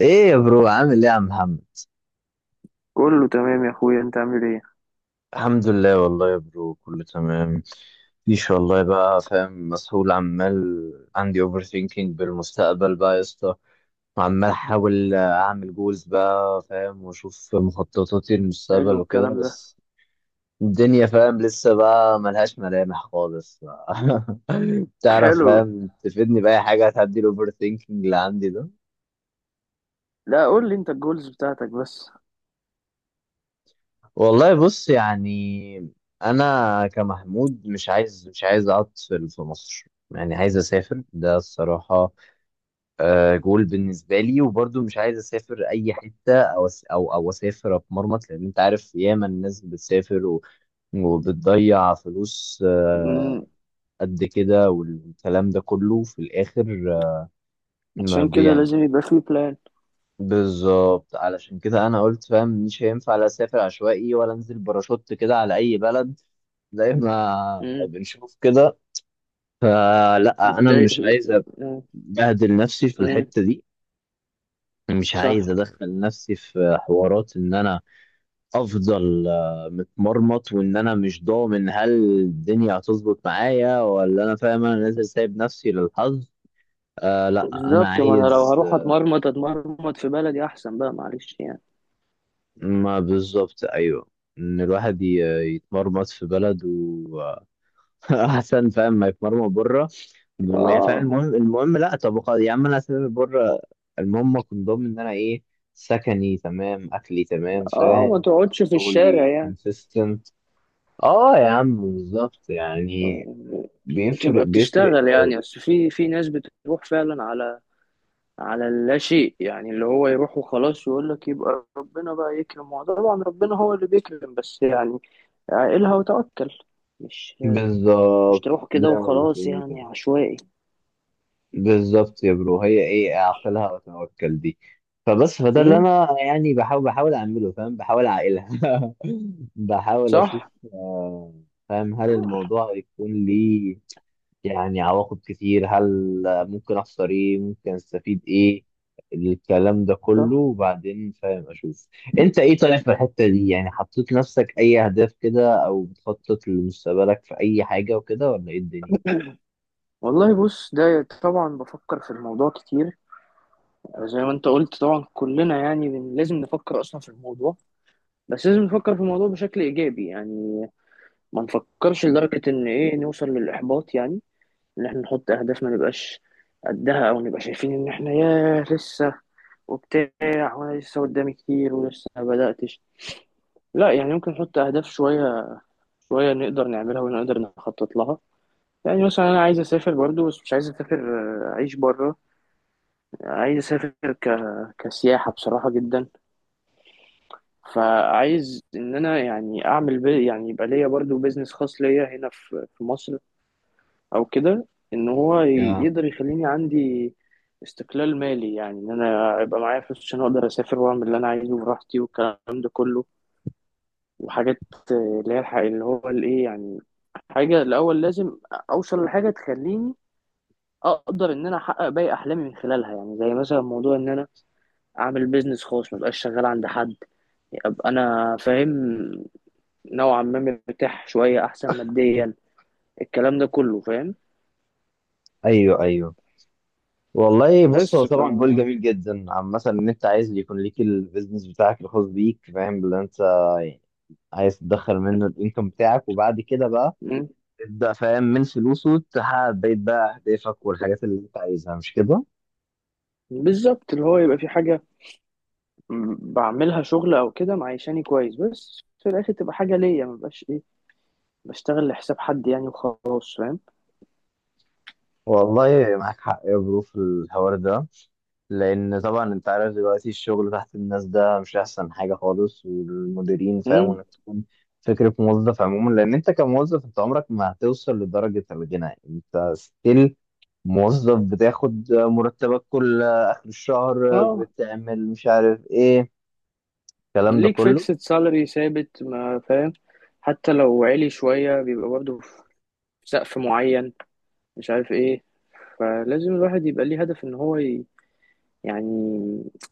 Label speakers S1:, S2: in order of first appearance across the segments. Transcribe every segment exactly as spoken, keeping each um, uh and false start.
S1: ايه يا برو؟ عامل ايه يا عم محمد؟
S2: كله تمام يا اخويا، انت عامل ايه؟
S1: الحمد لله والله يا برو، كله تمام. مفيش والله، بقى فاهم، مسؤول عمال. عندي اوفر ثينكينج بالمستقبل بقى يا اسطى. وعمال احاول اعمل جولز، بقى فاهم، واشوف مخططاتي
S2: حلو
S1: للمستقبل وكده
S2: الكلام ده.
S1: بس. الدنيا، فاهم، لسه بقى ملهاش ملامح خالص. تعرف،
S2: حلو.
S1: فاهم، تفيدني بأي حاجة هتعدي الاوفر ثينكينج اللي عندي ده؟
S2: لا، قول لي انت الجولز بتاعتك بس.
S1: والله بص، يعني، انا كمحمود مش عايز مش عايز اقعد في في مصر. يعني عايز اسافر، ده الصراحه. آه، جول بالنسبه لي، وبرضو مش عايز اسافر اي حته او أس- او او اسافر اتمرمط، لان انت عارف ياما الناس بتسافر و- وبتضيع فلوس. آه،
S2: امم.
S1: قد كده والكلام ده كله في الاخر. آه، ما
S2: عشان كده
S1: بيعمل.
S2: لازم يبقى في بلان.
S1: بالظبط علشان كده انا قلت، فاهم، مش هينفع لا اسافر عشوائي ولا انزل باراشوت كده على اي بلد، زي ما
S2: امم.
S1: بنشوف كده. فلا انا
S2: زي
S1: مش عايز
S2: امم،
S1: ابهدل نفسي في
S2: امم،
S1: الحته دي. مش عايز
S2: صح.
S1: ادخل نفسي في حوارات ان انا افضل آه، متمرمط، وان انا مش ضامن هل الدنيا هتظبط معايا ولا، انا، فاهم، انا نازل سايب نفسي للحظ. آه لا، انا
S2: بالظبط، ما انا لو
S1: عايز.
S2: هروح
S1: آه،
S2: اتمرمط اتمرمط في بلدي احسن بقى، معلش يعني.
S1: ما بالظبط، ايوه. ان الواحد ي- يتمرمط في بلد واحسن فاهم ما يتمرمط بره. هو فعلا
S2: اه،
S1: المهم المهم، لا طب خلاص يا عم، انا هسافر بره. المهم اكون ضامن ان انا ايه، سكني تمام، اكلي تمام،
S2: اه، ما
S1: فاهم،
S2: تقعدش في الشارع
S1: شغلي
S2: يعني.
S1: كونسيستنت. اه يا عم بالظبط، يعني بيفرق
S2: تبقى
S1: بيفرق
S2: بتشتغل
S1: قوي.
S2: يعني، بس في في ناس بتروح فعلا على على اللاشيء، يعني اللي هو يروح وخلاص يقول لك يبقى ربنا بقى يكرم. وطبعا ربنا هو اللي بيكرم، بس يعني عقلها وتوكل. مش مش
S1: بالظبط.
S2: تروح كده
S1: زي ما
S2: وخلاص
S1: بتقول كده،
S2: يعني عشوائي.
S1: بالظبط يا برو. هي ايه اعقلها وتوكل دي؟ فبس فده اللي
S2: امم،
S1: انا، يعني، بحاول بحاول اعمله، فاهم، بحاول اعقلها. بحاول اشوف،
S2: صح،
S1: آه، فاهم، هل الموضوع يكون ليه يعني عواقب كتير؟ هل ممكن اخسر ايه؟ ممكن استفيد ايه؟ الكلام ده كله،
S2: صح.
S1: وبعدين، فاهم، اشوف. انت ايه طالع في الحتة دي؟ يعني حطيت نفسك اي اهداف كده، او بتخطط لمستقبلك في اي حاجة وكده، ولا ايه الدنيا؟
S2: والله بص، ده طبعا بفكر في الموضوع كتير. زي ما انت قلت، طبعا كلنا يعني بن- لازم نفكر اصلا في الموضوع. بس لازم نفكر في الموضوع بشكل ايجابي يعني، ما نفكرش لدرجة ان ايه، نوصل للاحباط يعني. ان احنا نحط اهداف ما نبقاش قدها، او نبقى شايفين ان احنا ياه لسه وبتاع، وانا لسه قدامي كتير ولسه ما بداتش. لا، يعني ممكن نحط اهداف شويه شويه نقدر نعملها ونقدر نخطط لها. يعني مثلا انا عايز اسافر برضو، بس مش عايز اسافر، آه، اعيش بره. عايز اسافر ك... كسياحه بصراحه جدا. فعايز ان انا يعني اعمل بي... يعني يبقى ليا برضو بيزنس خاص ليا هنا في في مصر، او كده. ان هو ي-
S1: يا
S2: يقدر يخليني عندي استقلال مالي، يعني ان انا يبقى معايا فلوس عشان اقدر اسافر واعمل اللي انا عايزه براحتي، والكلام ده كله. وحاجات آه، اللي هي الح- اللي هو الايه يعني، حاجه الاول لازم اوصل لحاجه تخليني اقدر ان انا احقق باقي احلامي من خلالها. يعني زي مثلا موضوع ان انا اعمل بيزنس خاص، ما ابقاش شغال عند حد. ابقى انا فاهم نوعا ما مرتاح شويه احسن ماديا، الكلام ده كله فاهم.
S1: ايوه ايوه. والله بص، هو
S2: بس ف
S1: طبعا جول جميل جدا عامة، ان انت عايز يكون ليك البيزنس بتاعك الخاص بيك، فاهم اللي انت عايز تدخل منه الانكم بتاعك، وبعد كده بقى تبدأ، فاهم، من فلوسه تحقق بقية بقى أهدافك والحاجات اللي أنت عايزها، مش كده؟
S2: بالظبط، اللي هو يبقى في حاجة م- بعملها شغل أو كده، معيشاني كويس، بس في الآخر تبقى حاجة ليا، مبقاش إيه بشتغل لحساب حد يعني وخلاص فاهم.
S1: والله معاك حق يا برو في الحوار ده. لأن طبعا أنت عارف دلوقتي الشغل تحت الناس ده مش أحسن حاجة خالص، والمديرين، فاهم،
S2: امم.
S1: إنك تكون فكرة موظف عموما. لأن أنت كموظف أنت عمرك ما هتوصل لدرجة الغنى، أنت ستيل موظف، بتاخد مرتبك كل آخر الشهر،
S2: اه.
S1: بتعمل مش عارف إيه، الكلام ده
S2: ليك
S1: كله.
S2: فيكسد سالري ثابت ما فاهم، حتى لو عالي شوية بيبقى برضه في سقف معين، مش عارف إيه. فلازم الواحد يبقى ليه هدف إن هو ي... يعني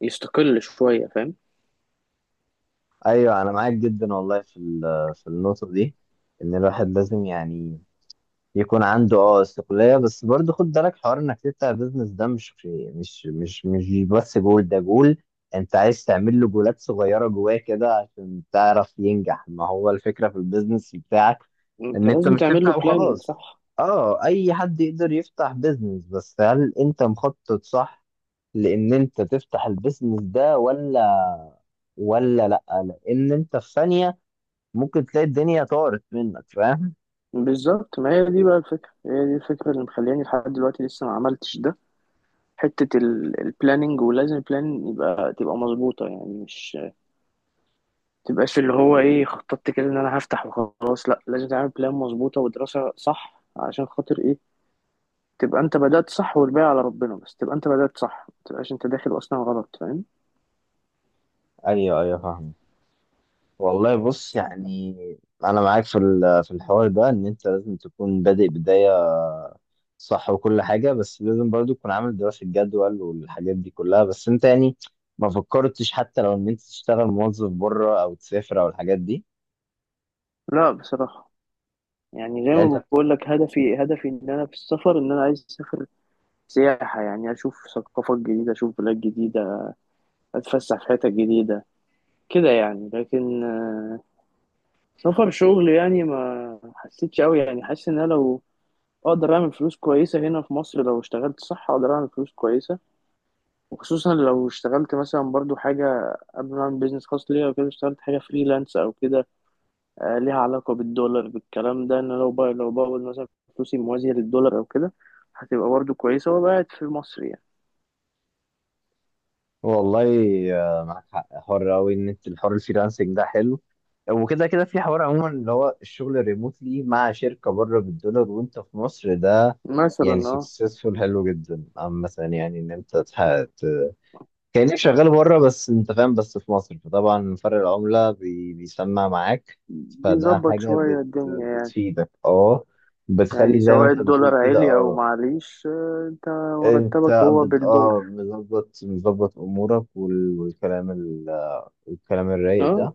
S2: يستقل شوية فاهم.
S1: ايوه، انا معاك جدا والله في ال- في النقطه دي، ان الواحد لازم، يعني، يكون عنده اه استقلاليه. بس برضه خد بالك، حوار انك تفتح بيزنس ده مش مش مش مش بس جول، ده جول انت عايز تعمل له جولات صغيره جواه كده عشان تعرف ينجح، ما هو الفكره في البيزنس بتاعك
S2: أنت
S1: ان انت
S2: لازم
S1: مش
S2: تعمل له
S1: تفتح
S2: بلان،
S1: وخلاص.
S2: صح.
S1: اه، اي حد يقدر يفتح بيزنس، بس هل انت مخطط صح لان انت تفتح البيزنس ده ولا ولا لا؟ لان انت في ثانيه ممكن تلاقي الدنيا طارت منك، فاهم.
S2: بالظبط، ما هي دي بقى الفكرة، هي دي الفكرة اللي مخلياني لحد دلوقتي لسه ما عملتش ده، حتة البلاننج. ولازم البلان يبقى تبقى مظبوطة، يعني مش تبقاش اللي هو ايه، خططت كده ان انا هفتح وخلاص. لا، لازم تعمل بلان مظبوطة ودراسة صح عشان خاطر ايه، تبقى انت بدأت صح. والباقي على ربنا، بس تبقى انت بدأت صح، ما تبقاش انت داخل اصلا غلط فاهم.
S1: ايوه ايوه، فاهم. والله بص، يعني، انا معاك في ال- في الحوار ده، ان انت لازم تكون بادئ بدايه صح وكل حاجه، بس لازم برضو تكون عامل دراسه جدول والحاجات دي كلها، بس انت يعني ما فكرتش حتى لو ان انت تشتغل موظف بره او تسافر او الحاجات دي،
S2: لا بصراحة، يعني زي
S1: يعني انت؟
S2: ما بقول لك، هدفي هدفي ان انا في السفر، ان انا عايز اسافر سياحة، يعني اشوف ثقافات جديدة، اشوف بلاد جديدة، اتفسح في حتت جديدة كده يعني. لكن سفر شغل يعني ما حسيتش قوي يعني. حاسس ان انا لو اقدر اعمل فلوس كويسه هنا في مصر، لو اشتغلت صح اقدر اعمل فلوس كويسه. وخصوصا لو اشتغلت مثلا برضو حاجه قبل ما اعمل بيزنس خاص ليا وكده، اشتغلت حاجه فريلانس او كده، آه، ليها علاقه بالدولار بالكلام ده. ان أنا لو بقى لو بقبض مثلا فلوسي موازيه للدولار او كده، هتبقى برضو كويسه وأبقى قاعد في مصر يعني.
S1: والله آه، معاك حق، حر قوي ان انت الحوار الفريلانسنج ده حلو، وكده كده في حوار عموما اللي هو الشغل ريموتلي مع شركه بره بالدولار وانت في مصر ده،
S2: مثلا
S1: يعني
S2: اه
S1: سكسسفول حلو جدا عامة. يعني ان انت تح- ت- كأنك شغال بره بس انت، فاهم، بس في مصر، فطبعا فرق العملة بي- بيسمع معاك، فده
S2: بيظبط
S1: حاجة
S2: شويه
S1: بت
S2: الدنيا يعني.
S1: بتفيدك، اه،
S2: يعني
S1: بتخلي زي ما
S2: سواء
S1: انت بتقول
S2: الدولار
S1: كده،
S2: عالي او
S1: اه.
S2: معليش، آه، انت
S1: انت
S2: مرتبك هو
S1: بت
S2: بالدولار.
S1: اه مظبط مظبط امورك وال- والكلام، والكلام الرايق
S2: اه.
S1: ده.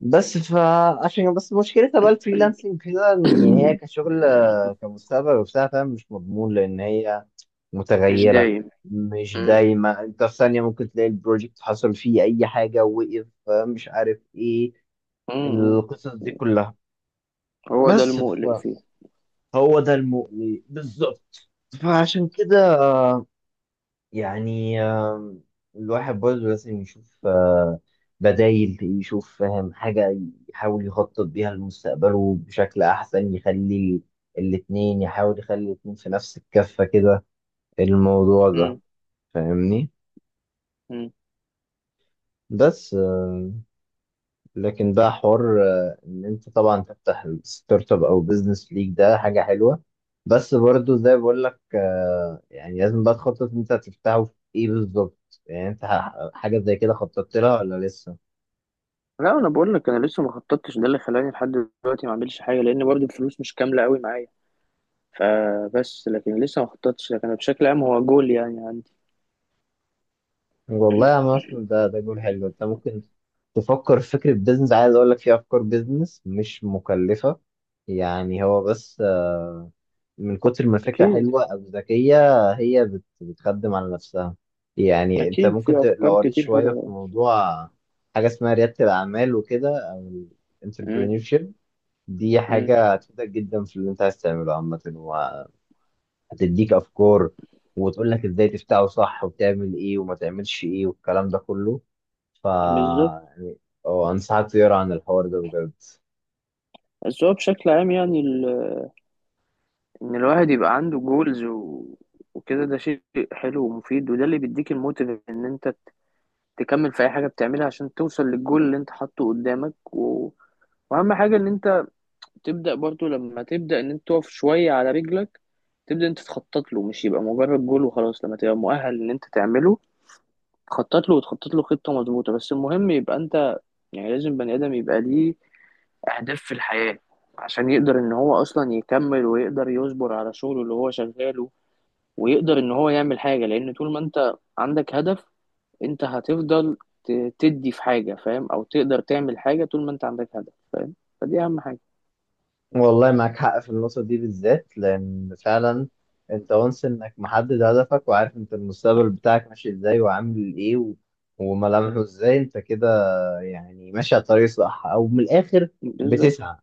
S1: بس فعشان بس مشكلتها بقى الفريلانسنج كده، إن يعني هي كشغل، آه، كمستقبل وبتاع، فاهم، مش مضمون، لان هي
S2: مش
S1: متغيره،
S2: دايم.
S1: مش
S2: مم.
S1: دايما. انت في ثانيه ممكن تلاقي البروجكت حصل فيه اي حاجه، وقف، آه، مش عارف ايه،
S2: مم.
S1: القصص دي كلها.
S2: هو ده
S1: بس
S2: المقلق
S1: فهو
S2: فيه.
S1: ده المقلق بالظبط. فعشان كده، آه، يعني، آم، الواحد برضه لازم يشوف آه، بدايل، يشوف، فاهم، حاجة يحاول يخطط بيها لمستقبله بشكل أحسن، يخلي الاتنين، يحاول يخلي الاتنين في نفس الكفة كده، الموضوع ده،
S2: مم.
S1: فاهمني.
S2: مم.
S1: بس، آه، لكن ده حوار، آه، ان انت طبعا تفتح ستارت اب او بزنس ليك، ده حاجه حلوه. بس برضو زي بقول لك، آه، يعني لازم بقى تخطط انت هتفتحه في ايه بالظبط. يعني انت ح- حاجه زي كده خططت لها ولا لسه؟
S2: لا انا بقول لك، انا لسه ما خططتش، ده اللي خلاني لحد دلوقتي ما اعملش حاجه، لان برضو الفلوس مش كامله قوي معايا. فبس لكن لسه ما خططتش، لكن أنا بشكل عام هو جول يعني عندي.
S1: والله يا مثلا، ده ده جول حلو، انت ممكن تفكر في فكره بزنس. عايز اقول لك، في افكار بزنس مش مكلفه، يعني هو بس، آه، من كتر ما الفكرة
S2: اكيد
S1: حلوة أو ذكية، هي بت... بتخدم على نفسها. يعني أنت
S2: اكيد،
S1: ممكن
S2: في
S1: ت...
S2: افكار
S1: لو قريت
S2: كتير
S1: شوية في
S2: حلوه.
S1: موضوع حاجة اسمها ريادة الأعمال وكده، أو ال
S2: مم.
S1: entrepreneurship، دي
S2: مم.
S1: حاجة هتفيدك جدا في اللي أنت عايز تعمله عامة، وهتديك أفكار، وتقول لك إزاي تفتحه صح، وتعمل إيه وما تعملش إيه والكلام ده كله. ف
S2: بالظبط.
S1: يعني، أه، أنصحك تقرا عن الحوار ده بجد.
S2: بس هو بشكل عام يعني ال... ان الواحد يبقى عنده جولز و... وكده، ده شيء حلو ومفيد، وده اللي بيديك الموتيف ان انت تكمل في اي حاجه بتعملها عشان توصل للجول اللي انت حاطه قدامك و... واهم حاجه ان انت تبدا برضو. لما تبدا ان انت تقف شويه على رجلك، تبدا انت تخطط له، مش يبقى مجرد جول وخلاص. لما تبقى مؤهل ان انت تعمله، تخطط له وتخطط له خطه مظبوطه. بس المهم يبقى انت يعني، لازم بني ادم يبقى ليه اهداف في الحياه عشان يقدر ان هو اصلا يكمل ويقدر يصبر على شغله اللي هو شغاله، ويقدر ان هو يعمل حاجه. لان طول ما انت عندك هدف، انت هتفضل ت- تدي في حاجة فاهم، او تقدر تعمل حاجة طول ما انت عندك هدف فاهم. فدي اهم حاجة.
S1: والله معاك حق في النقطة دي بالذات، لأن فعلا أنت وانس إنك محدد هدفك، وعارف أنت المستقبل بتاعك ماشي إزاي وعامل إيه و... وملامحه إزاي. أنت كده، يعني، ماشي على الطريق الصح، أو من الآخر
S2: بالظبط
S1: بتسعى.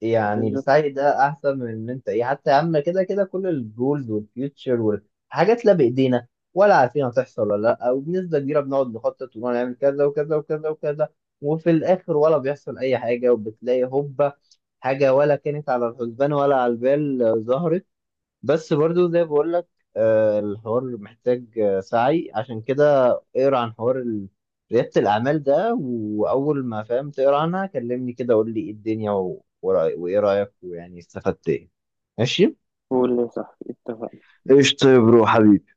S1: يعني
S2: بالظبط.
S1: السعي ده احسن من ان انت ايه، حتى يا عم كده كده، كل الجولز والفيوتشر والحاجات لا بايدينا ولا عارفين هتحصل ولا لا، وبنسبه كبيره بنقعد نخطط ونقعد نعمل كذا وكذا وكذا وكذا، وفي الاخر ولا بيحصل اي حاجه، وبتلاقي هوبا حاجه ولا كانت على الحسبان ولا على البال ظهرت. بس برضو زي بقول لك، آه، الحوار محتاج آه، سعي، عشان كده اقرا عن حوار ال- ريادة الأعمال ده، وأول ما فاهم تقرا عنها كلمني، كده قول لي إيه الدنيا و- ورأي- وإيه رأيك، ويعني استفدت إيه. ماشي؟
S2: هو اللي صح، اتفقنا.
S1: ايش، طيب روح حبيبي.